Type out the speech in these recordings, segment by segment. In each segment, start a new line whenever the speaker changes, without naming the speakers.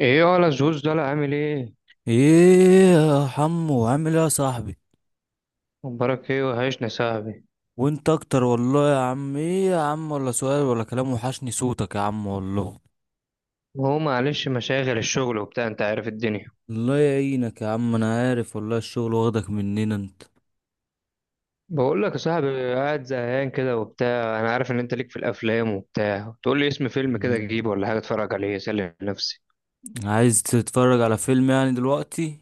ايه ولا زوز ده، لا عامل ايه؟
ايه يا حمو، عامل ايه يا صاحبي؟
مبارك، ايه وحشنا يا صاحبي.
وانت اكتر والله يا عم. ايه يا عم، ولا سؤال ولا كلام، وحشني صوتك يا عم والله.
هو معلش، مشاغل الشغل وبتاع، انت عارف الدنيا.
الله يعينك يا عم، انا عارف والله الشغل واخدك مننا انت.
بقول لك يا صاحبي، قاعد زهقان كده وبتاع، انا عارف ان انت ليك في الافلام وبتاع، تقول لي اسم فيلم كده
مم.
اجيبه ولا حاجه اتفرج عليه اسلي نفسي.
عايز تتفرج على فيلم يعني دلوقتي؟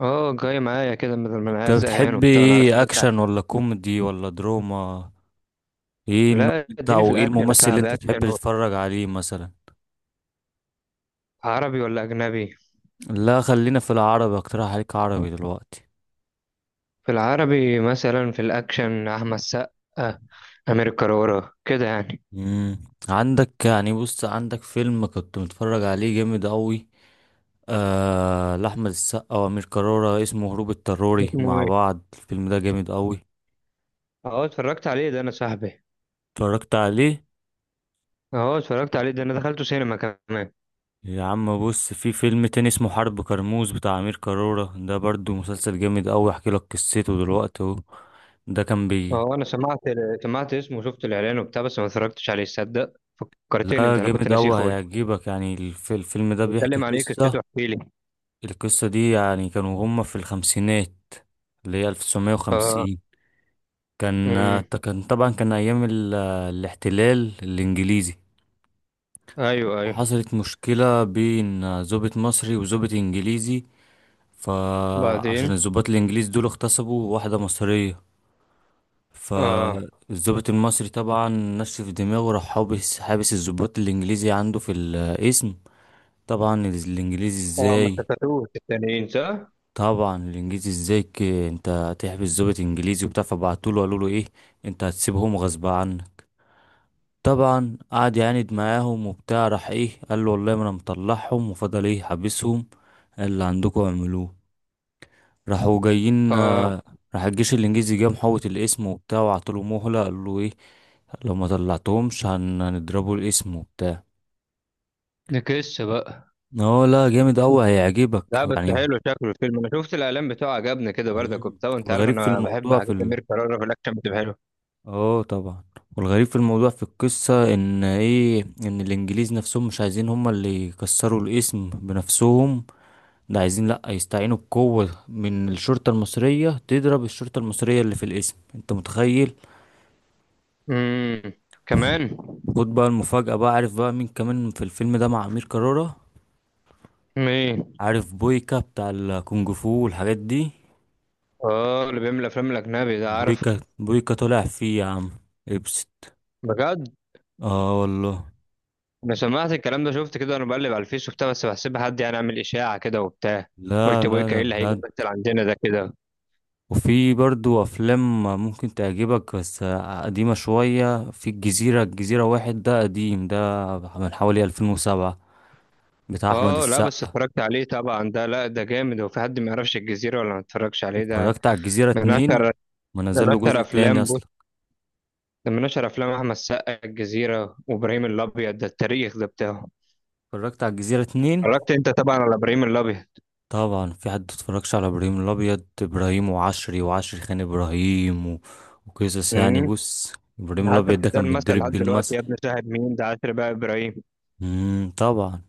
اه، جاي معايا كده بدل ما انا
انت
قاعد زهقان
بتحب
وبتاع، انا عارف ان
ايه،
انت.
اكشن ولا كوميدي ولا دراما؟ ايه النوع
لا
بتاع،
اديني في
وايه
الاكشن يا
الممثل اللي
صاحبي،
انت تحب
اكشن
تتفرج عليه مثلا؟
عربي ولا اجنبي؟
لا خلينا في العربي، اقترح عليك عربي دلوقتي.
في العربي مثلا، في الاكشن، احمد سقا، امير كرارة كده يعني.
مم. عندك يعني، بص، عندك فيلم كنت متفرج عليه جامد قوي. آه، لأحمد السقا وأمير كرارة، اسمه هروب اضطراري.
اسمه
مع
ايه؟
بعض الفيلم ده جامد قوي.
اه اتفرجت عليه ده انا صاحبي.
اتفرجت عليه؟
اه اتفرجت عليه ده، انا دخلته سينما كمان.
يا عم بص، في فيلم تاني اسمه حرب كرموز بتاع أمير كرارة، ده برضو مسلسل جامد قوي. احكي لك قصته دلوقتي اهو. ده كان بي
اه انا سمعت، سمعت اسمه وشفت الاعلان وبتاع، بس ما اتفرجتش عليه، تصدق. فكرتني
لا،
انت، انا كنت
جامد
ناسيه
قوي
خالص.
هيعجبك يعني. الفيلم ده بيحكي
بيتكلم عن ايه؟
قصة.
قصته احكي لي.
القصة دي يعني كانوا هما في الخمسينات، اللي هي
اه.
1950. كان
امم
كان طبعا، كان أيام الاحتلال الإنجليزي.
ايوه ايوه.
حصلت مشكلة بين ضابط مصري وضابط إنجليزي. فعشان
وبعدين؟
الضباط الإنجليز دول اغتصبوا واحدة مصرية.
اه
فالضابط المصري طبعا نشف دماغه، راح حابس الضباط الإنجليزي عنده في القسم. طبعا الإنجليزي
طبعا، ما
إزاي
استفادوش التانيين صح.
طبعا الإنجليزي إزاي، أنت هتحبس ضابط إنجليزي وبتاع؟ فبعتوله قالوله إيه، أنت هتسيبهم غصب عنك. طبعا قعد يعاند معاهم وبتاع، راح ايه قال له والله ما انا مطلعهم، وفضل ايه حابسهم، اللي عندكم اعملوه. راحوا جايين
اه.
آه، راح الجيش الانجليزي جه محوط الاسم وبتاع، وعطوله مهلة قال له ايه، لو ما طلعتهمش هنضربوا الاسم وبتاع.
نكس بقى.
اه لا، جامد اوي هيعجبك
لا بس
يعني.
حلو شكله الفيلم، انا شفت الاعلان بتاعه عجبني كده برضك
مم.
وبتاع، وانت عارف
والغريب في
انا بحب
الموضوع
حاجات امير كرارة في الاكشن بتبقى حلوه.
اه طبعا. والغريب في الموضوع في القصة ان ايه، ان الانجليز نفسهم مش عايزين هما اللي يكسروا الاسم بنفسهم. ده عايزين لأ يستعينوا بقوة من الشرطة المصرية تضرب الشرطة المصرية اللي في الاسم. انت متخيل؟
امم كمان؟
خد بقى المفاجأة، بقى عارف بقى مين كمان في الفيلم ده مع أمير كرارة؟
مين؟
عارف بويكا بتاع الكونج فو والحاجات دي؟
اه، اللي بيعمل افلام الاجنبي ده، عارف.
بويكا طلع فيه يا عم. ابست.
بجد؟
اه والله.
انا سمعت الكلام ده، شفت كده، انا بقلب على الفيس وبتاع بس بحسبها حد يعني عامل اشاعه كده وبتاع.
لا
قلت ابو
لا، ده
ايه اللي هيجي
بجد.
يمثل عندنا ده كده.
وفي برضو أفلام ممكن تعجبك، بس قديمة شوية. في الجزيرة، الجزيرة واحد ده قديم، ده من حوالي 2007، بتاع أحمد
اه لا بس
السقا.
اتفرجت عليه طبعا ده، لا ده جامد، هو في حد ما يعرفش الجزيره ولا ما اتفرجش عليه؟ ده
اتفرجت على الجزيرة
من اشهر
اتنين؟ ما
من
نزل له
اشهر
جزء
افلام،
تاني
بص
اصلا.
ده من اشهر افلام احمد السقا، الجزيره وابراهيم الابيض، ده التاريخ ده بتاعه.
اتفرجت على الجزيرة اتنين؟
اتفرجت انت طبعا على ابراهيم الابيض.
طبعا، في حد اتفرجش على ابراهيم الابيض؟ ابراهيم وعشري، وعشري خان ابراهيم وقصص يعني،
امم
بص، ابراهيم
حتى
الابيض ده كان
بتتقال مثلا
بيتضرب
لحد
بيه
دلوقتي،
المثل.
يا ابن شاهد مين ده، عاشر بقى ابراهيم.
طبعا.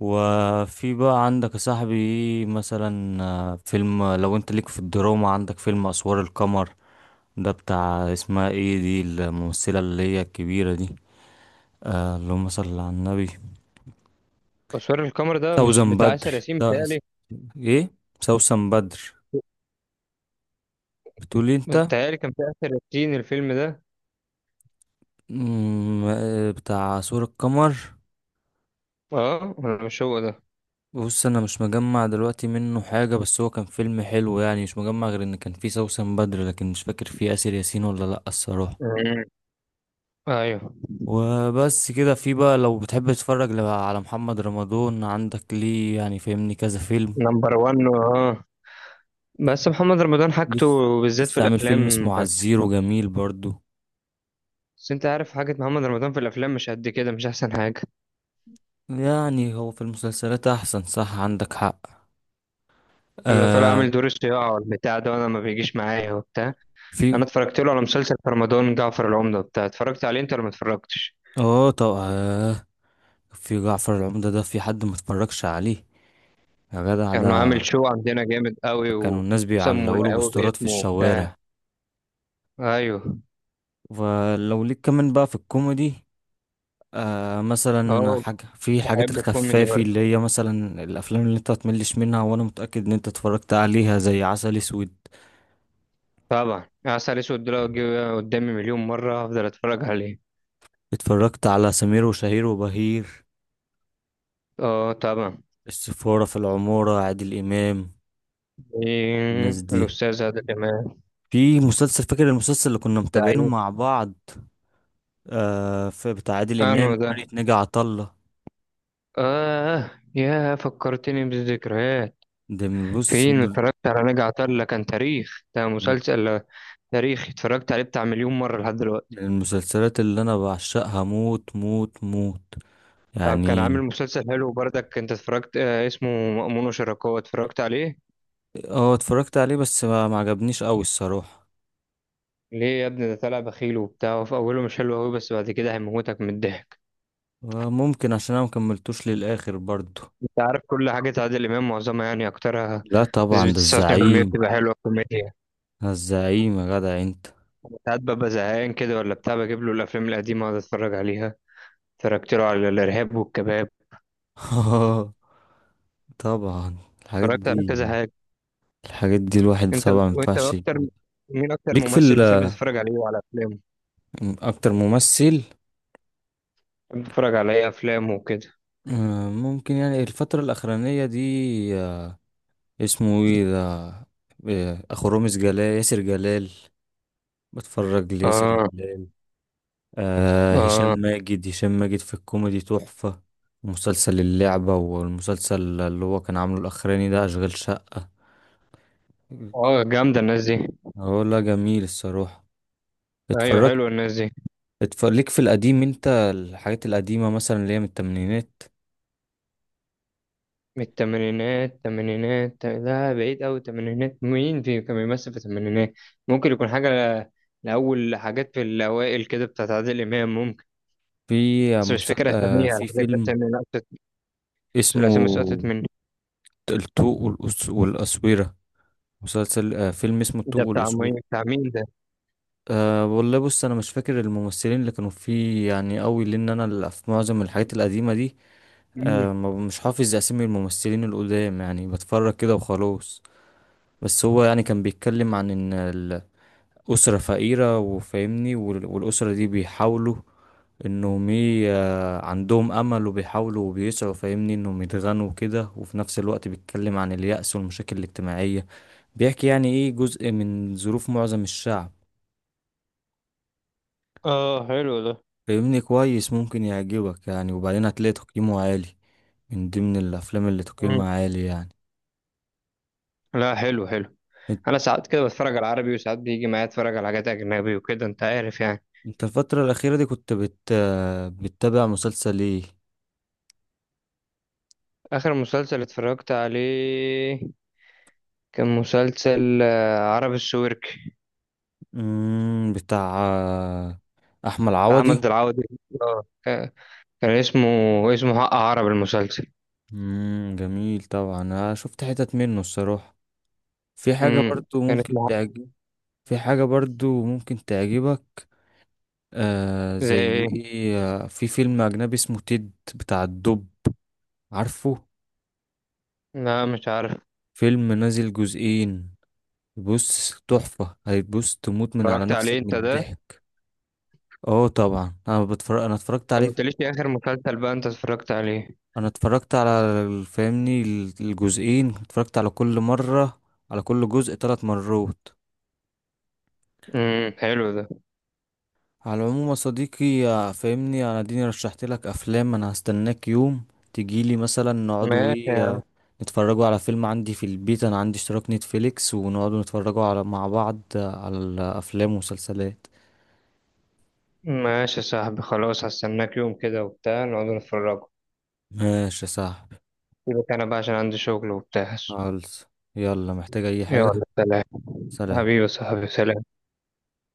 وفي بقى عندك يا صاحبي مثلا آه، فيلم لو انت ليك في الدراما، عندك فيلم اسوار القمر، ده بتاع اسمها ايه دي الممثلة اللي هي الكبيرة دي، آه اللهم صل على النبي،
تصوير القمر ده مش
سوزن
بتاع
بدر.
آسر ياسين، بتهيألي.
ايه، سوسن بدر بتقولي انت؟
كان في آسر ياسين الفيلم ده.
مم، آه، بتاع سور القمر،
اه مش هو ده؟
بص انا مش مجمع دلوقتي منه حاجة، بس هو كان فيلم حلو يعني. مش مجمع غير ان كان فيه سوسن بدر، لكن مش فاكر فيه آسر ياسين ولا لأ الصراحة.
مم. ايوه.
وبس كده. في بقى لو بتحب تتفرج على محمد رمضان، عندك ليه يعني فاهمني كذا فيلم.
نمبر 1، اه. بس محمد رمضان حاجته،
لسه
بالذات في
لسه عامل فيلم
الافلام.
اسمه عزير وجميل برضو.
بس انت عارف، حاجة محمد رمضان في الافلام مش قد كده، مش احسن حاجة.
يعني هو في المسلسلات احسن، صح، عندك حق.
بيبقى طالع
آه.
عامل دور الصياعة والبتاع ده، وانا ما بيجيش معايا وبتاع. انا
في
اتفرجت له على مسلسل في رمضان، جعفر العمدة بتاع، اتفرجت عليه انت ولا ما اتفرجتش؟
اه طبعا، في جعفر العمدة، ده في حد متفرجش عليه يا جدع
كان
ده؟
عامل شو عندنا جامد قوي،
كانوا الناس
وسموا
بيعلقوا له
القهوة
بوسترات في
باسمه وبتاع.
الشوارع.
ايوه.
ولو ليك كمان بقى في الكوميدي، آه مثلا
اه،
حاجة في حاجات
بحب الكوميدي
الخفافي،
برضه.
اللي هي مثلا الأفلام اللي انت متملش منها وأنا متأكد إن انت اتفرجت عليها، زي عسل أسود.
طبعا عسل اسود ده لو جه قدامي مليون مرة هفضل اتفرج عليه.
اتفرجت على سمير وشهير وبهير؟
اه طبعا.
السفارة في العمارة، عادل إمام. الناس
إيه،
دي.
الأستاذ عادل إمام.
في مسلسل، فاكر المسلسل اللي كنا متابعينه
زعيم.
مع بعض؟ آه، في بتاع عادل
أنو
إمام فرقة
ده؟
ناجي عطا الله.
آه يا فكرتني بالذكريات.
بص،
فين اتفرجت على نجا عطلة، كان تاريخ ده مسلسل تاريخ، اتفرجت عليه بتاع مليون مرة لحد
من
دلوقتي.
المسلسلات اللي انا بعشقها موت موت موت
طب كان
يعني.
عامل مسلسل حلو برضك، أنت اتفرجت آه اسمه مأمون وشركاه، اتفرجت عليه؟
اه اتفرجت عليه بس ما عجبنيش قوي الصراحة.
ليه يا ابني؟ ده طلع بخيل وبتاع في أوله، مش حلو أوي بس بعد كده هيموتك من الضحك.
آه، ممكن عشان انا مكملتوش للاخر برضو.
أنت عارف كل حاجة عادل إمام، معظمها يعني أكترها،
لا
نسبة
طبعا ده
99%
الزعيم.
بتبقى حلوة كوميديا.
ده الزعيم يا جدع انت.
ساعات ببقى زهقان كده ولا بتاع، بجيب له الافلام القديمه اقعد اتفرج عليها. اتفرجت له على الارهاب والكباب،
طبعا الحاجات
اتفرجت على
دي،
كذا حاجه.
الحاجات دي الواحد
انت،
طبعا ما
وانت
ينفعش
اكتر.
يفوت.
مين اكتر
ليك في
ممثل بتحب تتفرج عليه وعلى افلامه؟
اكتر ممثل،
بتحب تتفرج على ايه افلامه وكده؟
آه، ممكن يعني الفترة الاخرانية دي آه، اسمه ايه ده، إيه، اخو رامز جلال، ياسر جلال. بتفرج لياسر
اه.
جلال. آه، هشام
اه.
ماجد هشام ماجد في الكوميدي تحفة. مسلسل اللعبة، والمسلسل اللي هو كان عامله الأخراني ده أشغال شقة.
اه جامده الناس دي.
اه لا جميل الصراحة.
ايوه
اتفرجت.
حلوه الناس دي.
اتفرج ليك في القديم انت، الحاجات القديمة مثلا اللي هي من التمانينات.
من الثمانينات؟ الثمانينات لا بعيد قوي، الثمانينات مين في كان بيمثل في الثمانينات؟ ممكن يكون حاجه ل- لأول حاجات في الأوائل كده بتاعت عادل إمام ممكن،
في
بس مش فاكر
آه
أساميها
في
الحاجات،
فيلم
أسامي الأسامي سقطت
اسمه
مني.
الطوق والأسويرة. آه فيلم اسمه
إيه
الطوق
ده؟
والأسويرة.
بتاع مين ده؟
أه والله بص انا مش فاكر الممثلين اللي كانوا فيه يعني قوي، لان انا في معظم الحاجات القديمه دي
مم.
أه مش حافظ اسامي الممثلين القدام، يعني بتفرج كده وخلاص. بس هو يعني كان بيتكلم عن ان الاسره فقيره وفاهمني، والاسره دي بيحاولوا انهم آه، عندهم امل وبيحاولوا وبيسعوا فاهمني انهم يتغنوا كده، وفي نفس الوقت بيتكلم عن اليأس والمشاكل الاجتماعيه. بيحكي يعني ايه جزء من ظروف معظم الشعب.
اه حلو ده.
فاهمني؟ كويس، ممكن يعجبك يعني، وبعدين هتلاقي تقييمه عالي، من ضمن الافلام اللي
مم.
تقييمها عالي يعني.
لا حلو حلو.
انت
انا ساعات كده بتفرج على عربي، وساعات بيجي معايا اتفرج على حاجات اجنبي وكده، انت عارف يعني.
إنت الفترة الأخيرة دي بتتابع مسلسل ايه؟
اخر مسلسل اتفرجت عليه، كان مسلسل آه، عربي السويرك،
مم... بتاع احمد
بتاع
عوضي.
احمد العوضي. اه كان اسمه حق عرب المسلسل.
مم... جميل طبعا، انا شفت حتت منه الصراحة. في حاجة
امم
برضو
كان
ممكن
اسمه حق-
تعجب. في حاجة برضو ممكن تعجبك. آه
زي
زي
ايه؟
ايه؟ آه، في فيلم أجنبي اسمه تيد، بتاع الدب، عارفه؟
لا مش عارف.
فيلم نازل جزئين. بص تحفة، هتبص تموت من على
اتفرجت
نفسك
عليه
من
انت ده انت؟
الضحك. اه طبعا انا بتفرج، انا اتفرجت
ما
عليه.
قلتليش إيه اخر مسلسل بقى انت اتفرجت عليه.
انا اتفرجت على فاهمني الجزئين اتفرجت على كل مرة، على كل جزء 3 مرات.
حلو ده.
على العموم يا صديقي يا فاهمني، انا اديني رشحت لك افلام، انا هستناك يوم تجيلي مثلا نقعدوا
ماشي.
ايه آه، نتفرجوا على فيلم عندي في البيت. انا عندي اشتراك نتفليكس، ونقعدوا نتفرجوا على مع بعض آه، على الافلام والمسلسلات.
ماشي يا صاحبي، خلاص هستناك يوم كده وبتاع، نقعد نتفرجوا.
ماشي يا صاحبي.
سيبك انا بقى عشان عندي شغل وبتاع.
خالص، يلا، محتاج اي حاجة؟
يلا. سلام.
سلام.
حبيبي يا صاحبي، سلام.